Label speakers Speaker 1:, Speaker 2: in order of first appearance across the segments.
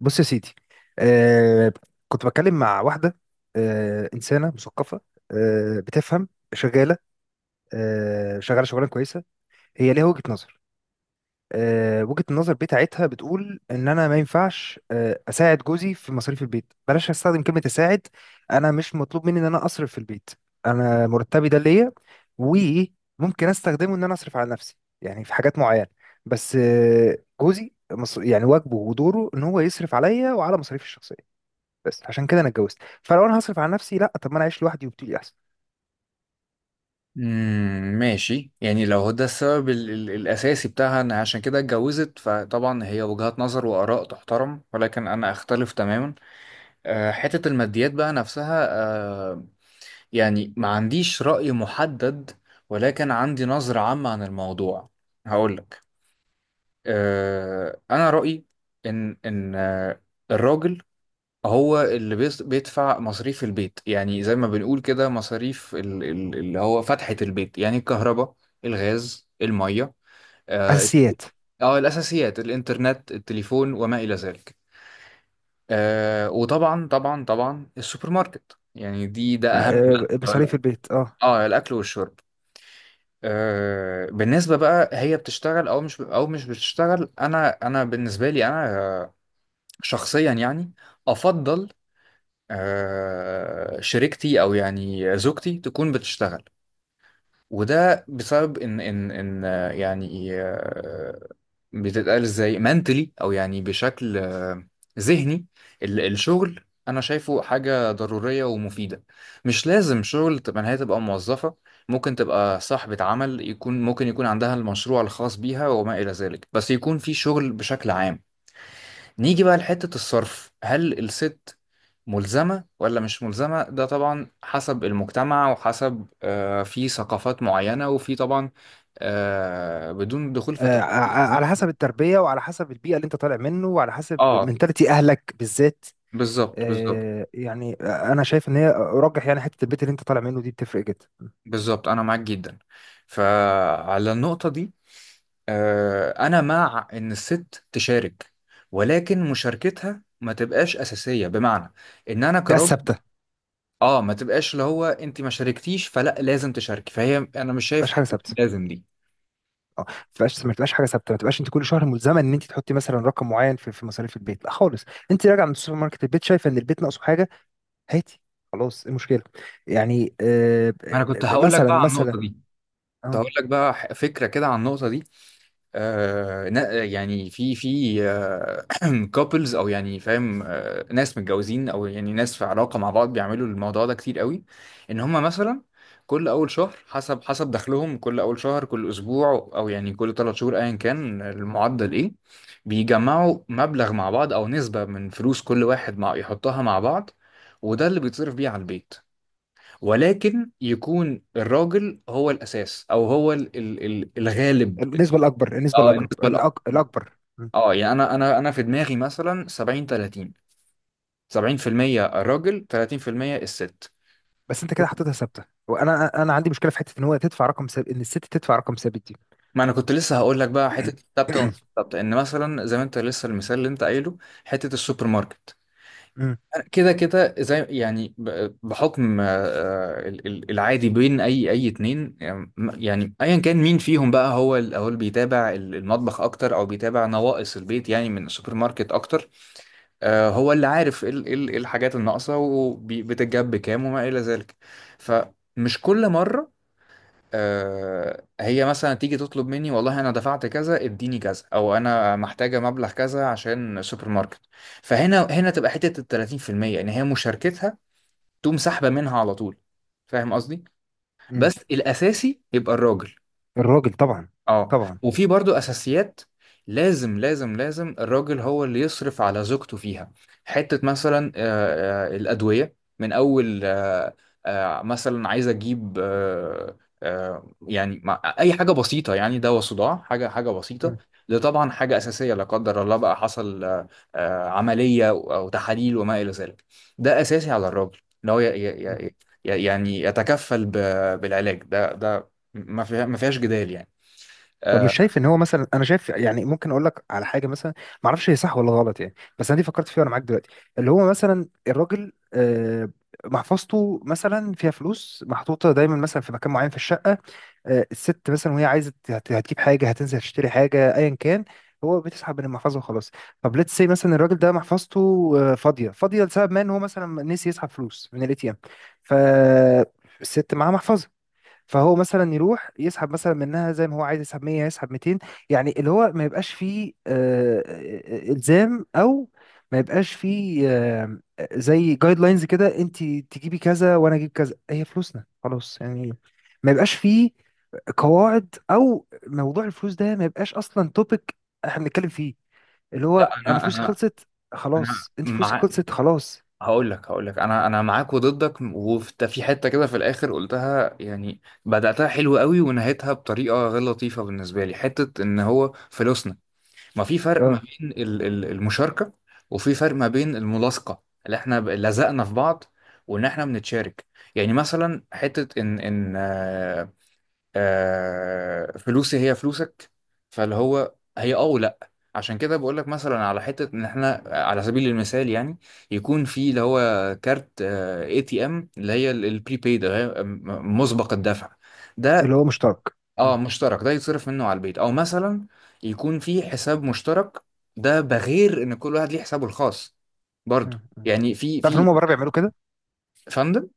Speaker 1: بص يا سيدي. آه كنت بتكلم مع واحدة، إنسانة مثقفة بتفهم، شغالة شغالة شغلانة كويسة. هي ليها وجهة نظر، وجهة النظر بتاعتها بتقول إن أنا ما ينفعش أساعد جوزي في مصاريف البيت. بلاش أستخدم كلمة أساعد. أنا مش مطلوب مني إن أنا أصرف في البيت. أنا مرتبي ده ليا، وممكن أستخدمه إن أنا أصرف على نفسي، يعني في حاجات معينة. بس جوزي يعني واجبه ودوره إن هو يصرف عليا وعلى مصاريفي الشخصية. بس عشان كده انا اتجوزت. فلو انا هصرف على نفسي، لا، طب ما انا اعيش لوحدي وبتقولي احسن.
Speaker 2: ماشي، يعني لو هو ده السبب ال ال الأساسي بتاعها إن عشان كده اتجوزت، فطبعا هي وجهات نظر وآراء تحترم، ولكن أنا أختلف تماما. حتة الماديات بقى نفسها. أه يعني ما عنديش رأي محدد، ولكن عندي نظرة عامة عن الموضوع. هقولك. أنا رأيي إن الراجل هو اللي بيدفع مصاريف البيت، يعني زي ما بنقول كده مصاريف اللي هو فتحة البيت، يعني الكهرباء الغاز المية اه الت-
Speaker 1: اساسيات.
Speaker 2: الأساسيات الإنترنت التليفون وما إلى ذلك. وطبعا طبعا طبعا السوبر ماركت، يعني ده أهم
Speaker 1: آه،
Speaker 2: بند
Speaker 1: مصاريف
Speaker 2: ولا-
Speaker 1: البيت اه.
Speaker 2: اه الأكل والشرب. بالنسبة بقى هي بتشتغل أو مش أو مش بتشتغل، أنا بالنسبة لي أنا آه، شخصيا يعني أفضل شريكتي او يعني زوجتي تكون بتشتغل. وده بسبب ان يعني بتتقال ازاي منتلي او يعني بشكل ذهني. الشغل انا شايفه حاجة ضرورية ومفيدة. مش لازم شغل تبقى إن هي تبقى موظفة. ممكن تبقى صاحبة عمل، يكون ممكن يكون عندها المشروع الخاص بيها وما إلى ذلك، بس يكون في شغل بشكل عام. نيجي بقى لحتة الصرف، هل الست ملزمة ولا مش ملزمة؟ ده طبعا حسب المجتمع وحسب في ثقافات معينة وفي طبعا بدون دخول في تفاصيل.
Speaker 1: على حسب التربيه، وعلى حسب البيئه اللي انت طالع منه، وعلى حسب
Speaker 2: اه،
Speaker 1: منتاليتي اهلك بالذات.
Speaker 2: بالظبط بالظبط
Speaker 1: يعني انا شايف ان هي ارجح، يعني حته البيت اللي انت طالع منه دي بتفرق جدا.
Speaker 2: بالظبط، انا معاك جدا. فعلى النقطة دي انا مع ان الست تشارك، ولكن مشاركتها ما تبقاش اساسية، بمعنى ان انا
Speaker 1: ده
Speaker 2: كراجل
Speaker 1: ثابته، ما
Speaker 2: اه ما تبقاش اللي هو انت ما شاركتيش فلا لازم تشاركي، فهي انا مش شايف
Speaker 1: تبقاش حاجه
Speaker 2: حته
Speaker 1: ثابته.
Speaker 2: لازم دي.
Speaker 1: اه ما تبقاش حاجه ثابته، ما تبقاش انت كل شهر ملزمه ان انت تحطي مثلا رقم معين في مصاريف البيت، لا خالص. انت راجع من السوبر ماركت، البيت شايفه ان البيت ناقصه حاجه، هاتي. خلاص ايه المشكله؟ يعني
Speaker 2: ما انا كنت هقول لك
Speaker 1: مثلا
Speaker 2: بقى عن
Speaker 1: مثلا
Speaker 2: النقطه دي. كنت
Speaker 1: اه
Speaker 2: هقول لك بقى فكره كده عن النقطه دي. يعني في كابلز او يعني فاهم، ناس متجوزين او يعني ناس في علاقه مع بعض بيعملوا الموضوع ده كتير قوي. ان هم مثلا كل اول شهر حسب دخلهم، كل اول شهر كل اسبوع او يعني كل ثلاث شهور ايا كان المعدل ايه، بيجمعوا مبلغ مع بعض او نسبه من فلوس كل واحد مع يحطها مع بعض، وده اللي بيتصرف بيه على البيت. ولكن يكون الراجل هو الاساس او هو الغالب.
Speaker 1: النسبه الاكبر، النسبه
Speaker 2: اه،
Speaker 1: الاقرب،
Speaker 2: النسبه،
Speaker 1: الاكبر. مم.
Speaker 2: اه يعني انا في دماغي مثلا 70 30. 70% الراجل، 30% الست.
Speaker 1: بس انت كده حطيتها ثابته، وانا عندي مشكله في حته ان هو تدفع رقم ثابت، ان الست تدفع رقم ثابت دي.
Speaker 2: ما انا كنت لسه هقول لك بقى حته الثابته ومش الثابته، ان مثلا زي ما انت لسه المثال اللي انت قايله حته السوبر ماركت.
Speaker 1: مم.
Speaker 2: كده كده زي يعني بحكم العادي بين اي اتنين، يعني ايا كان مين فيهم بقى هو اللي بيتابع المطبخ اكتر او بيتابع نواقص البيت يعني من السوبر ماركت اكتر. هو اللي عارف ايه ال- إيه ال- إيه الحاجات الناقصة وبتتجاب بكام وما إلى ذلك. فمش كل مرة هي مثلا تيجي تطلب مني والله أنا دفعت كذا اديني كذا، أو أنا محتاجة مبلغ كذا عشان سوبر ماركت. هنا تبقى حتة ال 30%، إن هي مشاركتها تقوم سحبة منها على طول. فاهم قصدي؟
Speaker 1: مم.
Speaker 2: بس الأساسي يبقى الراجل.
Speaker 1: الراجل طبعا.
Speaker 2: اه،
Speaker 1: طبعا.
Speaker 2: وفي برضو اساسيات لازم لازم لازم الراجل هو اللي يصرف على زوجته فيها. حتة مثلا الأدوية، من أول مثلا عايز أجيب أي حاجة بسيطة، يعني دواء صداع، حاجة حاجة بسيطة.
Speaker 1: مم.
Speaker 2: ده طبعا حاجة أساسية. لا قدر الله بقى حصل عملية أو تحاليل وما إلى ذلك، ده أساسي على الراجل إن هو
Speaker 1: مم.
Speaker 2: يعني يتكفل بالعلاج ده ما فيهاش جدال يعني. آه،
Speaker 1: فمش شايف ان هو مثلا، انا شايف يعني ممكن اقول لك على حاجه مثلا، ما اعرفش هي صح ولا غلط، يعني بس انا دي فكرت فيها وانا معاك دلوقتي. اللي هو مثلا الراجل محفظته مثلا فيها فلوس محطوطه دايما مثلا في مكان معين في الشقه. الست مثلا وهي عايزه هتجيب حاجه، هتنزل تشتري حاجه ايا كان، هو بتسحب من المحفظه وخلاص. طب ليتس سي مثلا الراجل ده محفظته فاضيه، فاضيه لسبب ما ان هو مثلا نسي يسحب فلوس من الاي تي ام. فالست معاها محفظه، فهو مثلا يروح يسحب مثلا منها، زي ما هو عايز يسحب 100 يسحب 200. يعني اللي هو ما يبقاش فيه الزام او ما يبقاش فيه زي جايد لاينز كده، انت تجيبي كذا وانا اجيب كذا، هي فلوسنا خلاص يعني. ما يبقاش فيه قواعد، او موضوع الفلوس ده ما يبقاش اصلا توبيك احنا بنتكلم فيه. اللي
Speaker 2: لا،
Speaker 1: هو انا
Speaker 2: انا
Speaker 1: فلوسي
Speaker 2: انا
Speaker 1: خلصت،
Speaker 2: انا
Speaker 1: خلاص انت فلوسك
Speaker 2: مع
Speaker 1: خلصت، خلاص.
Speaker 2: هقول لك انا معاك وضدك، وفي في حته كده في الاخر قلتها، يعني بداتها حلو قوي ونهيتها بطريقه غير لطيفه بالنسبه لي، حته ان هو فلوسنا. ما في فرق ما
Speaker 1: اه
Speaker 2: بين المشاركه وفي فرق ما بين الملاصقه اللي احنا لزقنا في بعض وان احنا بنتشارك. يعني مثلا حته ان فلوسي هي فلوسك. فاللي هو هي اه ولا عشان كده بقول لك مثلا على حته ان احنا على سبيل المثال يعني يكون في اللي هو كارت اي تي ام، اللي هي البريبيد، اللي هي مسبق الدفع ده.
Speaker 1: اللي هو مشترك.
Speaker 2: اه،
Speaker 1: مم.
Speaker 2: مشترك، ده يتصرف منه على البيت او مثلا يكون في حساب مشترك، ده بغير ان كل واحد ليه حسابه الخاص برضه،
Speaker 1: مم. مم.
Speaker 2: يعني في
Speaker 1: تعرف ان
Speaker 2: في
Speaker 1: هم بره بيعملوا كده؟
Speaker 2: فندم.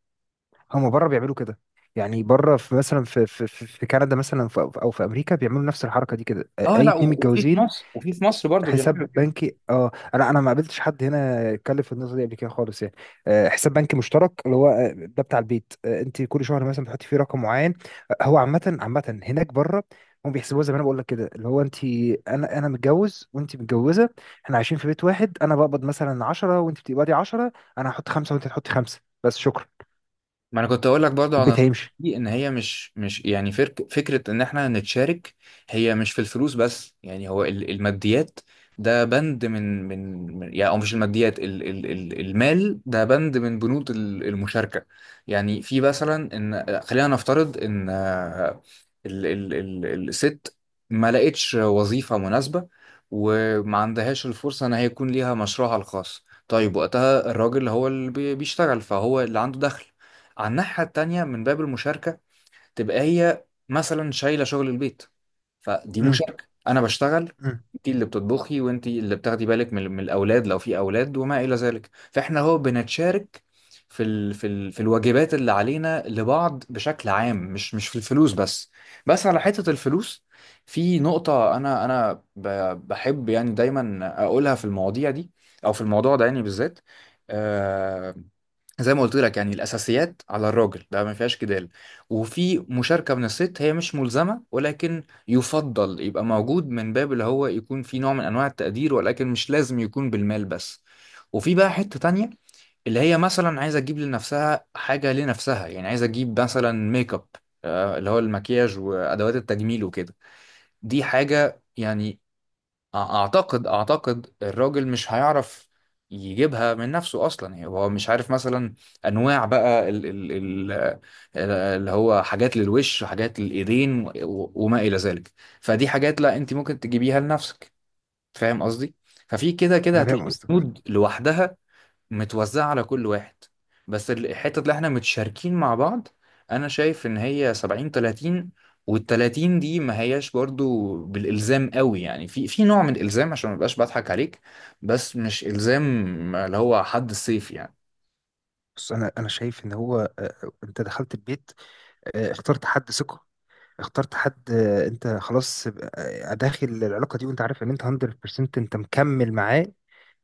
Speaker 1: هم بره بيعملوا كده، يعني بره في مثلا في كندا مثلا، او في امريكا بيعملوا نفس الحركه دي كده،
Speaker 2: اه،
Speaker 1: اي
Speaker 2: لا
Speaker 1: اتنين
Speaker 2: وفي
Speaker 1: متجوزين.
Speaker 2: مصر، وفي مصر برضه
Speaker 1: حساب
Speaker 2: بيعملوا كده.
Speaker 1: بنكي. اه انا ما قابلتش حد هنا اتكلم في النقطه دي قبل كده خالص يعني. حساب بنكي مشترك، اللي هو ده بتاع البيت، انت كل شهر مثلا بتحطي فيه رقم معين. هو عامه عامه هناك بره، هم بيحسبوها زي ما انا بقول لك كده، اللي هو انت. انا متجوز وانت متجوزه، احنا عايشين في بيت واحد، انا بقبض مثلا 10 وانت بتقبضي 10، انا هحط خمسه وانت تحطي خمسه بس، شكرا
Speaker 2: ما انا كنت اقول لك برضو على
Speaker 1: والبيت
Speaker 2: النقطة
Speaker 1: هيمشي.
Speaker 2: دي، ان هي مش يعني فرك فكره ان احنا نتشارك. هي مش في الفلوس بس، يعني هو الماديات ده بند من يعني او مش الماديات، ال ال ال المال ده بند من بنود المشاركه. يعني في مثلا ان خلينا نفترض ان ال ال ال الست ما لقتش وظيفه مناسبه وما عندهاش الفرصه ان هي يكون ليها مشروعها الخاص. طيب وقتها الراجل هو اللي بيشتغل، فهو اللي عنده دخل. على الناحية التانية، من باب المشاركة تبقى هي مثلا شايلة شغل البيت. فدي
Speaker 1: إمم.
Speaker 2: مشاركة. أنا بشتغل،
Speaker 1: مم.
Speaker 2: أنت اللي بتطبخي وأنت اللي بتاخدي بالك من الأولاد لو في أولاد وما إلى ذلك، فإحنا هو بنتشارك في في الواجبات اللي علينا لبعض بشكل عام، مش في الفلوس بس. بس على حتة الفلوس في نقطة أنا بحب يعني دايما أقولها في المواضيع دي أو في الموضوع ده يعني بالذات. آه، زي ما قلت لك، يعني الاساسيات على الراجل ده ما فيهاش جدال. وفي مشاركه من الست، هي مش ملزمه، ولكن يفضل يبقى موجود من باب اللي هو يكون في نوع من انواع التقدير، ولكن مش لازم يكون بالمال بس. وفي بقى حته تانية، اللي هي مثلا عايزه تجيب لنفسها حاجه لنفسها، يعني عايزه تجيب مثلا ميك اب، اللي هو المكياج وادوات التجميل وكده. دي حاجه يعني اعتقد الراجل مش هيعرف يجيبها من نفسه اصلا، يعني هو مش عارف مثلا انواع بقى اللي هو حاجات للوش وحاجات للايدين وما الى ذلك. فدي حاجات لا انت ممكن تجيبيها لنفسك. فاهم قصدي؟ ففي كده كده
Speaker 1: انا فاهم
Speaker 2: هتلاقي
Speaker 1: قصدك.
Speaker 2: الكنود لوحدها متوزعة على كل واحد. بس الحتة اللي احنا متشاركين مع بعض انا شايف ان هي 70 30. وال30 دي ما هياش برضو بالالزام قوي، يعني في نوع من الالزام عشان ما ابقاش بضحك عليك، بس مش الزام اللي هو حد السيف يعني.
Speaker 1: بص انا شايف ان هو، انت دخلت البيت، اخترت حد ثقه، اخترت حد، انت خلاص داخل العلاقه دي، وانت عارف ان انت 100% انت مكمل معاه.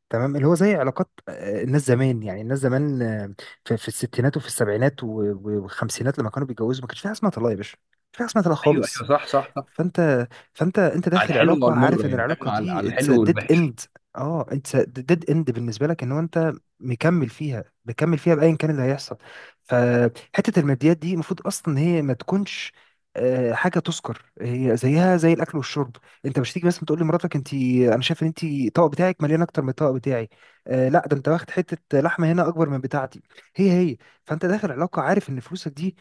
Speaker 1: تمام، اللي هو زي علاقات الناس زمان، يعني الناس زمان في الستينات وفي السبعينات والخمسينات، لما كانوا بيتجوزوا ما كانش في حاجه اسمها طلاق يا باشا، ما كانش في حاجه اسمها طلاق
Speaker 2: ايوه
Speaker 1: خالص.
Speaker 2: ايوه، صح صح صح.
Speaker 1: فانت فانت انت
Speaker 2: على
Speaker 1: داخل
Speaker 2: الحلو
Speaker 1: علاقه،
Speaker 2: وعلى المر،
Speaker 1: عارف ان
Speaker 2: يعني فاهم،
Speaker 1: العلاقه
Speaker 2: على
Speaker 1: دي
Speaker 2: على
Speaker 1: it's a
Speaker 2: الحلو
Speaker 1: dead end.
Speaker 2: والوحش.
Speaker 1: اه it's a dead end بالنسبه لك، ان هو انت مكمل فيها، مكمل فيها بايا كان اللي هيحصل. فحته الماديات دي المفروض اصلا إن هي ما تكونش حاجه تذكر، هي زيها زي الاكل والشرب. انت مش تيجي مثلا تقول لمراتك: انت انا شايف ان انت الطبق بتاعك مليان اكتر من الطبق بتاعي. آه لا، ده انت واخد حته لحمه هنا اكبر من بتاعتي، هي هي. فانت داخل علاقه عارف ان فلوسك دي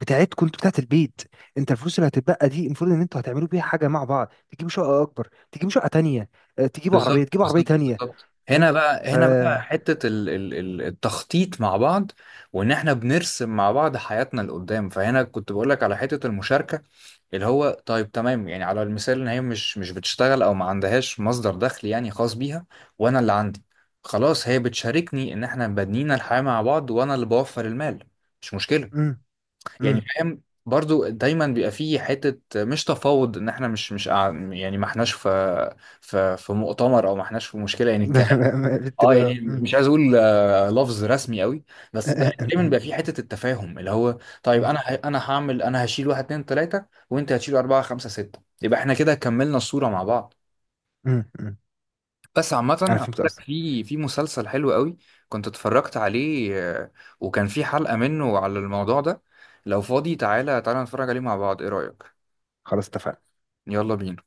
Speaker 1: بتاعتكم انتوا، بتاعت البيت. انت الفلوس اللي هتتبقى دي المفروض ان انتوا هتعملوا بيها حاجه مع بعض، تجيبوا شقه اكبر، تجيبوا شقه تانية. اه، تجيبوا عربيه،
Speaker 2: بالظبط
Speaker 1: تجيبوا عربيه
Speaker 2: بالظبط
Speaker 1: تانية.
Speaker 2: بالظبط.
Speaker 1: فاهم؟
Speaker 2: هنا بقى،
Speaker 1: ف
Speaker 2: هنا بقى حتة التخطيط مع بعض، وان احنا بنرسم مع بعض حياتنا لقدام. فهنا كنت بقول لك على حتة المشاركة اللي هو طيب تمام، يعني على المثال ان هي مش بتشتغل او ما عندهاش مصدر دخل يعني خاص بيها، وانا اللي عندي. خلاص، هي بتشاركني ان احنا بنينا الحياة مع بعض وانا اللي بوفر المال، مش مشكلة.
Speaker 1: امم.
Speaker 2: يعني
Speaker 1: امم.
Speaker 2: فاهم، برضو دايما بيبقى فيه حتة مش تفاوض، ان احنا مش مش قاع- يعني ما احناش في في مؤتمر او ما احناش في مشكلة يعني الكلام. اه،
Speaker 1: بتبقى
Speaker 2: يعني
Speaker 1: امم.
Speaker 2: مش عايز اقول لفظ رسمي قوي، بس ده دايما بيبقى في حته التفاهم اللي هو طيب.
Speaker 1: امم.
Speaker 2: انا هعمل، انا هشيل واحد اتنين تلاته وانت هتشيل اربعه خمسه سته، يبقى احنا كده كملنا الصوره مع بعض.
Speaker 1: امم. امم.
Speaker 2: بس عامه،
Speaker 1: انا
Speaker 2: هقول
Speaker 1: فهمت
Speaker 2: لك
Speaker 1: قصدك.
Speaker 2: في مسلسل حلو قوي كنت اتفرجت عليه، وكان في حلقه منه على الموضوع ده. لو فاضي تعالى تعالى نتفرج عليه مع بعض، ايه رايك؟
Speaker 1: خلاص اتفقنا.
Speaker 2: يلا بينا.